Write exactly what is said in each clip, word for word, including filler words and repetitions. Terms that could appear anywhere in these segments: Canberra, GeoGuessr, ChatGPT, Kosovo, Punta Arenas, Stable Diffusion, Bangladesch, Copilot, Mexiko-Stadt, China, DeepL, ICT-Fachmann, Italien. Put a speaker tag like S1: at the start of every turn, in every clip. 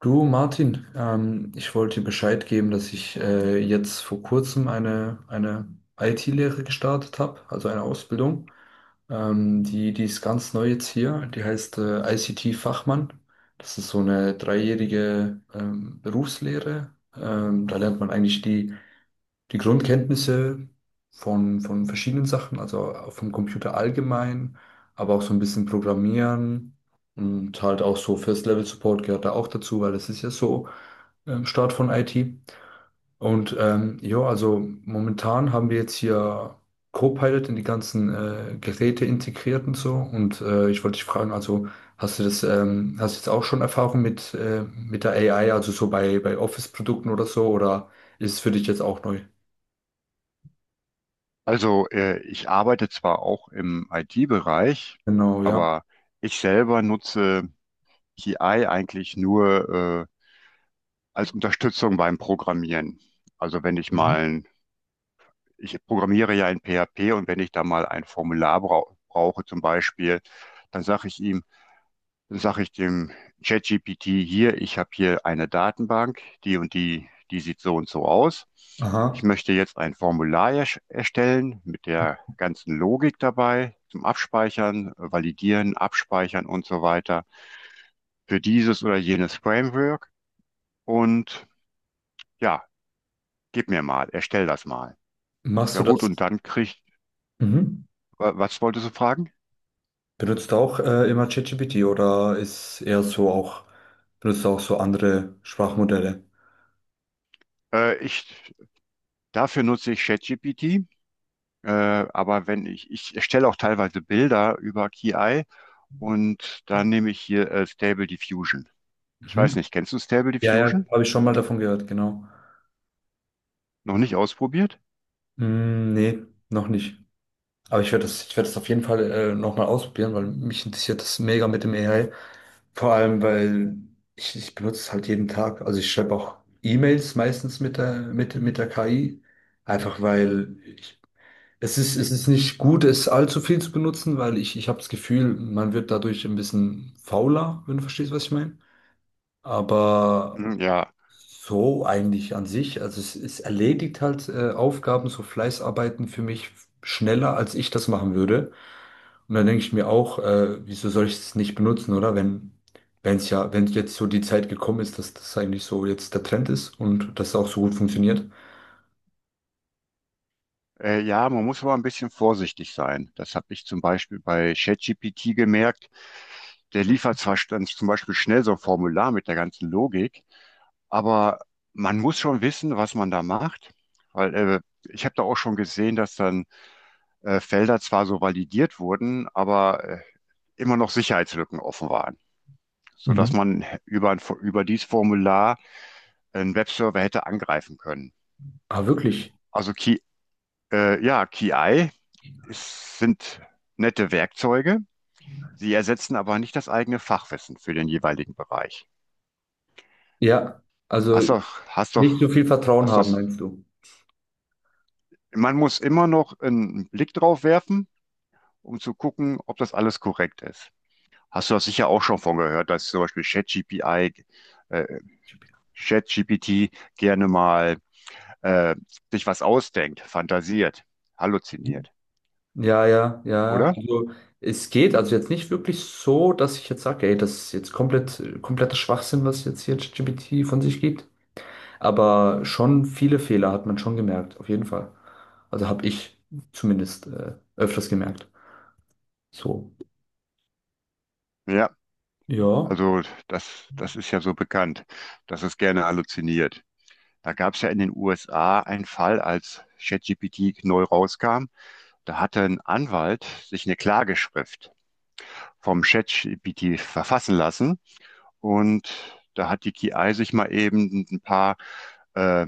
S1: Du, Martin, ähm, ich wollte dir Bescheid geben, dass ich äh, jetzt vor kurzem eine, eine I T-Lehre gestartet habe, also eine Ausbildung. Ähm, die, die ist ganz neu jetzt hier. Die heißt äh, I C T-Fachmann. Das ist so eine dreijährige ähm, Berufslehre. Ähm, da lernt man eigentlich die die Grundkenntnisse von, von verschiedenen Sachen, also auch vom Computer allgemein, aber auch so ein bisschen Programmieren und halt auch so First-Level-Support gehört da auch dazu, weil das ist ja so ähm, Start von I T. Und ähm, ja, also momentan haben wir jetzt hier Copilot in die ganzen äh, Geräte integriert und so. Und äh, ich wollte dich fragen, also hast du das, ähm, hast du jetzt auch schon Erfahrung mit, äh, mit der A I, also so bei, bei Office-Produkten oder so, oder ist es für dich jetzt auch neu?
S2: Also, äh, ich arbeite zwar auch im I T-Bereich,
S1: Genau, ja.
S2: aber ich selber nutze K I eigentlich nur äh, als Unterstützung beim Programmieren. Also, wenn ich
S1: Mhm.
S2: mal, ein, ich programmiere ja in P H P und wenn ich da mal ein Formular brau brauche zum Beispiel, dann sage ich ihm, dann sage ich dem ChatGPT hier, ich habe hier eine Datenbank, die und die, die sieht so und so aus. Ich
S1: Aha.
S2: möchte jetzt ein Formular erstellen mit der ganzen Logik dabei zum Abspeichern, Validieren, Abspeichern und so weiter für dieses oder jenes Framework. Und ja, gib mir mal, erstell das mal.
S1: Machst
S2: Ja
S1: du
S2: gut, und
S1: das?
S2: dann kriegt,
S1: Mhm.
S2: was wolltest du fragen?
S1: Benutzt du auch äh, immer ChatGPT oder ist eher so auch, benutzt du auch so andere Sprachmodelle?
S2: Äh, ich, dafür nutze ich ChatGPT. Äh, aber wenn ich, ich erstelle auch teilweise Bilder über K I, und dann nehme ich hier äh, Stable Diffusion. Ich weiß
S1: Mhm.
S2: nicht, kennst du Stable
S1: Ja, ja,
S2: Diffusion?
S1: habe ich schon mal davon gehört, genau.
S2: Noch nicht ausprobiert?
S1: Mm, nee, noch nicht. Aber ich werde das, ich werde das auf jeden Fall äh, nochmal ausprobieren, weil mich interessiert das mega mit dem A I. Vor allem, weil ich, ich benutze es halt jeden Tag. Also ich schreibe auch E-Mails meistens mit der, mit, mit der K I. Einfach weil ich es ist, es ist nicht gut, es allzu viel zu benutzen, weil ich, ich habe das Gefühl, man wird dadurch ein bisschen fauler, wenn du verstehst, was ich meine. Aber
S2: Hm, ja.
S1: so eigentlich an sich, also es, es erledigt halt äh, Aufgaben, so Fleißarbeiten für mich schneller, als ich das machen würde. Und dann denke ich mir auch, äh, wieso soll ich es nicht benutzen, oder? Wenn, wenn es ja, wenn jetzt so die Zeit gekommen ist, dass das eigentlich so jetzt der Trend ist und das auch so gut funktioniert.
S2: Äh, ja, man muss aber ein bisschen vorsichtig sein. Das habe ich zum Beispiel bei ChatGPT gemerkt. Der liefert zwar st- dann zum Beispiel schnell so ein Formular mit der ganzen Logik, aber man muss schon wissen, was man da macht. Weil äh, ich habe da auch schon gesehen, dass dann äh, Felder zwar so validiert wurden, aber äh, immer noch Sicherheitslücken offen waren,
S1: Mhm.
S2: sodass man über, ein, über dieses Formular einen Webserver hätte angreifen können.
S1: Aber wirklich.
S2: Also Ki, äh, ja, K I ist, sind nette Werkzeuge, sie ersetzen aber nicht das eigene Fachwissen für den jeweiligen Bereich.
S1: Ja, also.
S2: Hast doch, hast doch,
S1: Nicht so viel Vertrauen
S2: hast doch,
S1: haben, meinst du?
S2: man muss immer noch einen Blick drauf werfen, um zu gucken, ob das alles korrekt ist. Hast du das sicher auch schon von gehört, dass zum Beispiel ChatGPI, äh, ChatGPT gerne mal äh, sich was ausdenkt, fantasiert, halluziniert,
S1: Ja, ja, ja.
S2: oder?
S1: Also es geht also jetzt nicht wirklich so, dass ich jetzt sage, ey, das ist jetzt komplett, kompletter Schwachsinn, was jetzt hier ChatGPT von sich gibt. Aber schon viele Fehler hat man schon gemerkt, auf jeden Fall. Also habe ich zumindest äh, öfters gemerkt. So.
S2: Ja,
S1: Ja.
S2: also das, das ist ja so bekannt, dass es gerne halluziniert. Da gab es ja in den U S A einen Fall, als ChatGPT neu rauskam. Da hatte ein Anwalt sich eine Klageschrift vom ChatGPT verfassen lassen und da hat die K I sich mal eben ein paar äh,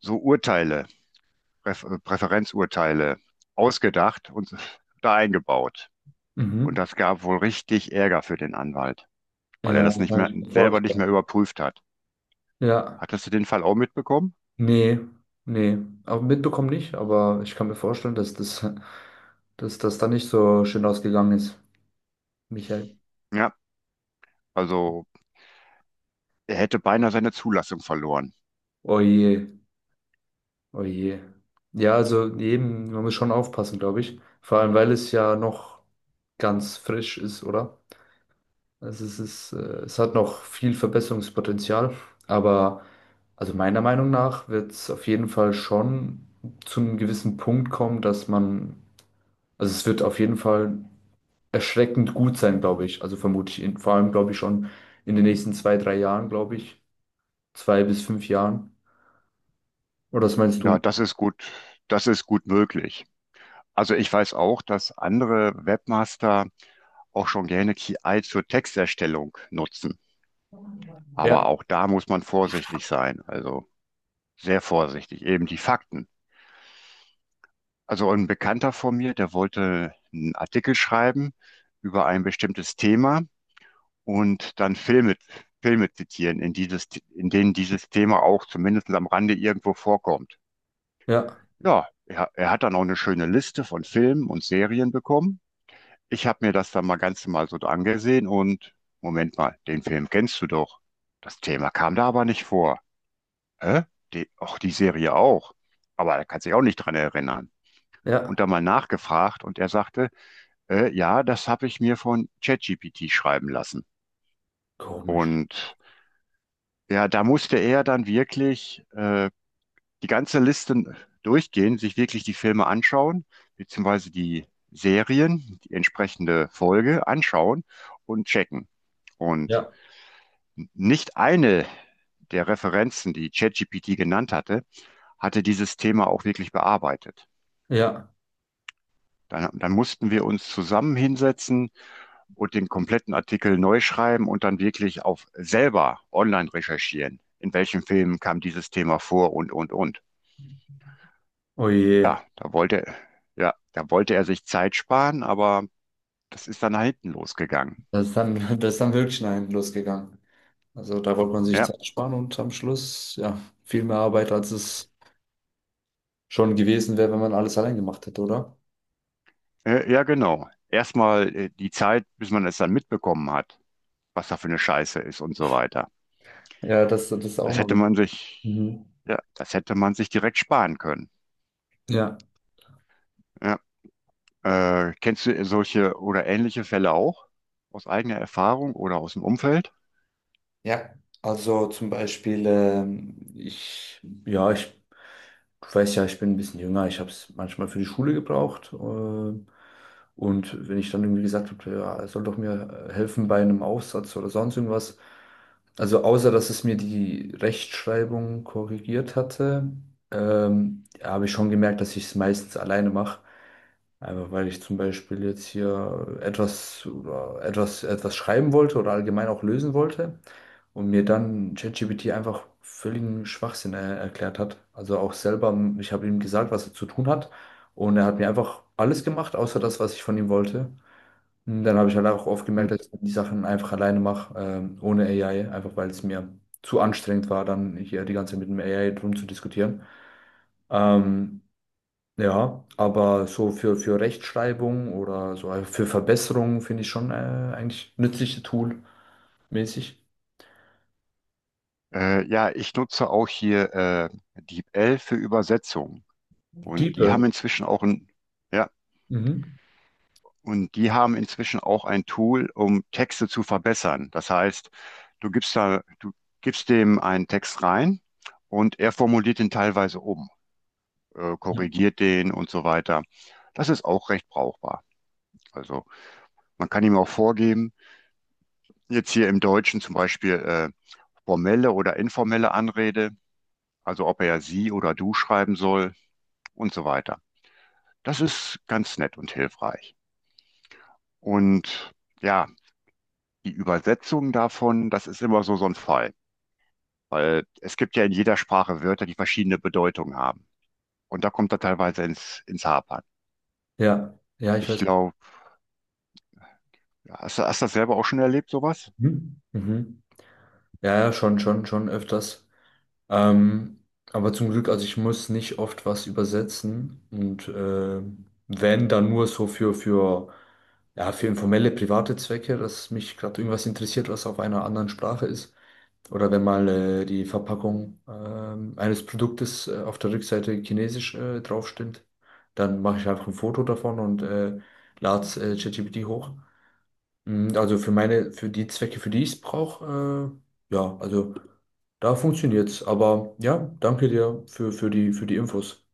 S2: so Urteile, Präf Präferenzurteile ausgedacht und da eingebaut. Und
S1: Mhm.
S2: das gab wohl richtig Ärger für den Anwalt, weil er
S1: Ja,
S2: das nicht
S1: kann
S2: mehr
S1: ich mir
S2: selber nicht mehr
S1: vorstellen.
S2: überprüft hat.
S1: Ja.
S2: Hattest du den Fall auch mitbekommen?
S1: Nee, nee. Aber mitbekommen nicht, aber ich kann mir vorstellen, dass das, dass das da nicht so schön ausgegangen ist. Michael.
S2: Ja, also er hätte beinahe seine Zulassung verloren.
S1: Oh je, oh je. Ja, also eben, man muss schon aufpassen, glaube ich. Vor allem, weil es ja noch ganz frisch ist, oder? Also es ist, äh, es hat noch viel Verbesserungspotenzial, aber also meiner Meinung nach wird es auf jeden Fall schon zu einem gewissen Punkt kommen, dass man, also es wird auf jeden Fall erschreckend gut sein, glaube ich. Also vermute ich, in, vor allem glaube ich schon in den nächsten zwei, drei Jahren, glaube ich, zwei bis fünf Jahren. Oder was meinst du?
S2: Ja, das ist gut, das ist gut möglich. Also ich weiß auch, dass andere Webmaster auch schon gerne K I zur Texterstellung nutzen.
S1: Ja,
S2: Aber auch da muss man vorsichtig sein. Also sehr vorsichtig. Eben die Fakten. Also ein Bekannter von mir, der wollte einen Artikel schreiben über ein bestimmtes Thema und dann Filme, Filme zitieren, in dieses, in denen dieses Thema auch zumindest am Rande irgendwo vorkommt.
S1: ja.
S2: Ja, er, er hat dann auch eine schöne Liste von Filmen und Serien bekommen. Ich habe mir das dann mal ganz normal so angesehen und Moment mal, den Film kennst du doch. Das Thema kam da aber nicht vor. Hä? Die, auch die Serie auch. Aber er kann sich auch nicht dran erinnern. Und
S1: Ja,
S2: dann mal nachgefragt und er sagte, äh, ja, das habe ich mir von ChatGPT schreiben lassen.
S1: komisch.
S2: Und ja, da musste er dann wirklich äh, die ganze Liste durchgehen, sich wirklich die Filme anschauen, beziehungsweise die Serien, die entsprechende Folge anschauen und checken. Und
S1: Ja.
S2: nicht eine der Referenzen, die ChatGPT genannt hatte, hatte dieses Thema auch wirklich bearbeitet.
S1: Ja,
S2: Dann, dann mussten wir uns zusammen hinsetzen und den kompletten Artikel neu schreiben und dann wirklich auf selber online recherchieren. In welchen Filmen kam dieses Thema vor und, und, und.
S1: oh je.
S2: Ja, da wollte, ja, da wollte er sich Zeit sparen, aber das ist dann nach hinten losgegangen.
S1: Das ist dann, das ist dann wirklich nach hinten losgegangen. Also da wollte man sich
S2: Ja,
S1: Zeit sparen und am Schluss, ja, viel mehr Arbeit, als es schon gewesen wäre, wenn man alles allein gemacht hätte, oder?
S2: äh, ja, genau. Erstmal äh, die Zeit, bis man es dann mitbekommen hat, was da für eine Scheiße ist und so weiter.
S1: Ja, das, das ist auch
S2: Das
S1: noch.
S2: hätte man sich,
S1: Mhm.
S2: ja, das hätte man sich direkt sparen können.
S1: Ja.
S2: Ja, äh, kennst du solche oder ähnliche Fälle auch aus eigener Erfahrung oder aus dem Umfeld?
S1: Ja, also zum Beispiel, ähm, ich, ja, ich weiß ja, ich bin ein bisschen jünger, ich habe es manchmal für die Schule gebraucht. Ähm, und wenn ich dann irgendwie gesagt habe, ja, es soll doch mir äh, helfen bei einem Aufsatz oder sonst irgendwas, also außer dass es mir die Rechtschreibung korrigiert hatte, ähm, habe ich schon gemerkt, dass ich es meistens alleine mache. Einfach weil ich zum Beispiel jetzt hier etwas oder etwas, etwas schreiben wollte oder allgemein auch lösen wollte und mir dann ChatGPT einfach völligen Schwachsinn äh, erklärt hat. Also auch selber, m, ich habe ihm gesagt, was er zu tun hat und er hat mir einfach alles gemacht, außer das, was ich von ihm wollte. Und dann habe ich halt auch oft
S2: Hm.
S1: gemerkt, dass ich die Sachen einfach alleine mache, ähm, ohne A I, einfach weil es mir zu anstrengend war, dann hier die ganze Zeit mit dem A I drum zu diskutieren. Ähm, ja, aber so für, für Rechtschreibung oder so also für Verbesserungen finde ich schon äh, eigentlich nützliche Tool mäßig.
S2: Äh, ja, ich nutze auch hier äh, DeepL für Übersetzung und
S1: Diepe.
S2: die haben inzwischen auch ein ja
S1: Mhm.
S2: und die haben inzwischen auch ein Tool, um Texte zu verbessern. Das heißt, du gibst da, du gibst dem einen Text rein und er formuliert den teilweise um, äh,
S1: Ja.
S2: korrigiert den und so weiter. Das ist auch recht brauchbar. Also man kann ihm auch vorgeben, jetzt hier im Deutschen zum Beispiel äh, formelle oder informelle Anrede, also ob er sie oder du schreiben soll und so weiter. Das ist ganz nett und hilfreich. Und ja, die Übersetzung davon, das ist immer so so ein Fall. Weil es gibt ja in jeder Sprache Wörter, die verschiedene Bedeutungen haben. Und da kommt er teilweise ins, ins Hapern.
S1: Ja, ja, ich
S2: Ich
S1: weiß.
S2: glaube, hast, du- hast du das selber auch schon erlebt, sowas?
S1: Mhm. Mhm. Ja, ja, schon, schon, schon öfters. Ähm, aber zum Glück, also ich muss nicht oft was übersetzen und äh, wenn, dann nur so für, für, ja, für informelle, private Zwecke, dass mich gerade irgendwas interessiert, was auf einer anderen Sprache ist. Oder wenn mal äh, die Verpackung ähm, eines Produktes äh, auf der Rückseite chinesisch äh, draufsteht, dann mache ich einfach ein Foto davon und äh, lade es äh, ChatGPT hoch. Mm, also für meine, für die Zwecke, für die ich es brauche, äh, ja, also da funktioniert's. Aber ja, danke dir für, für die, für die Infos.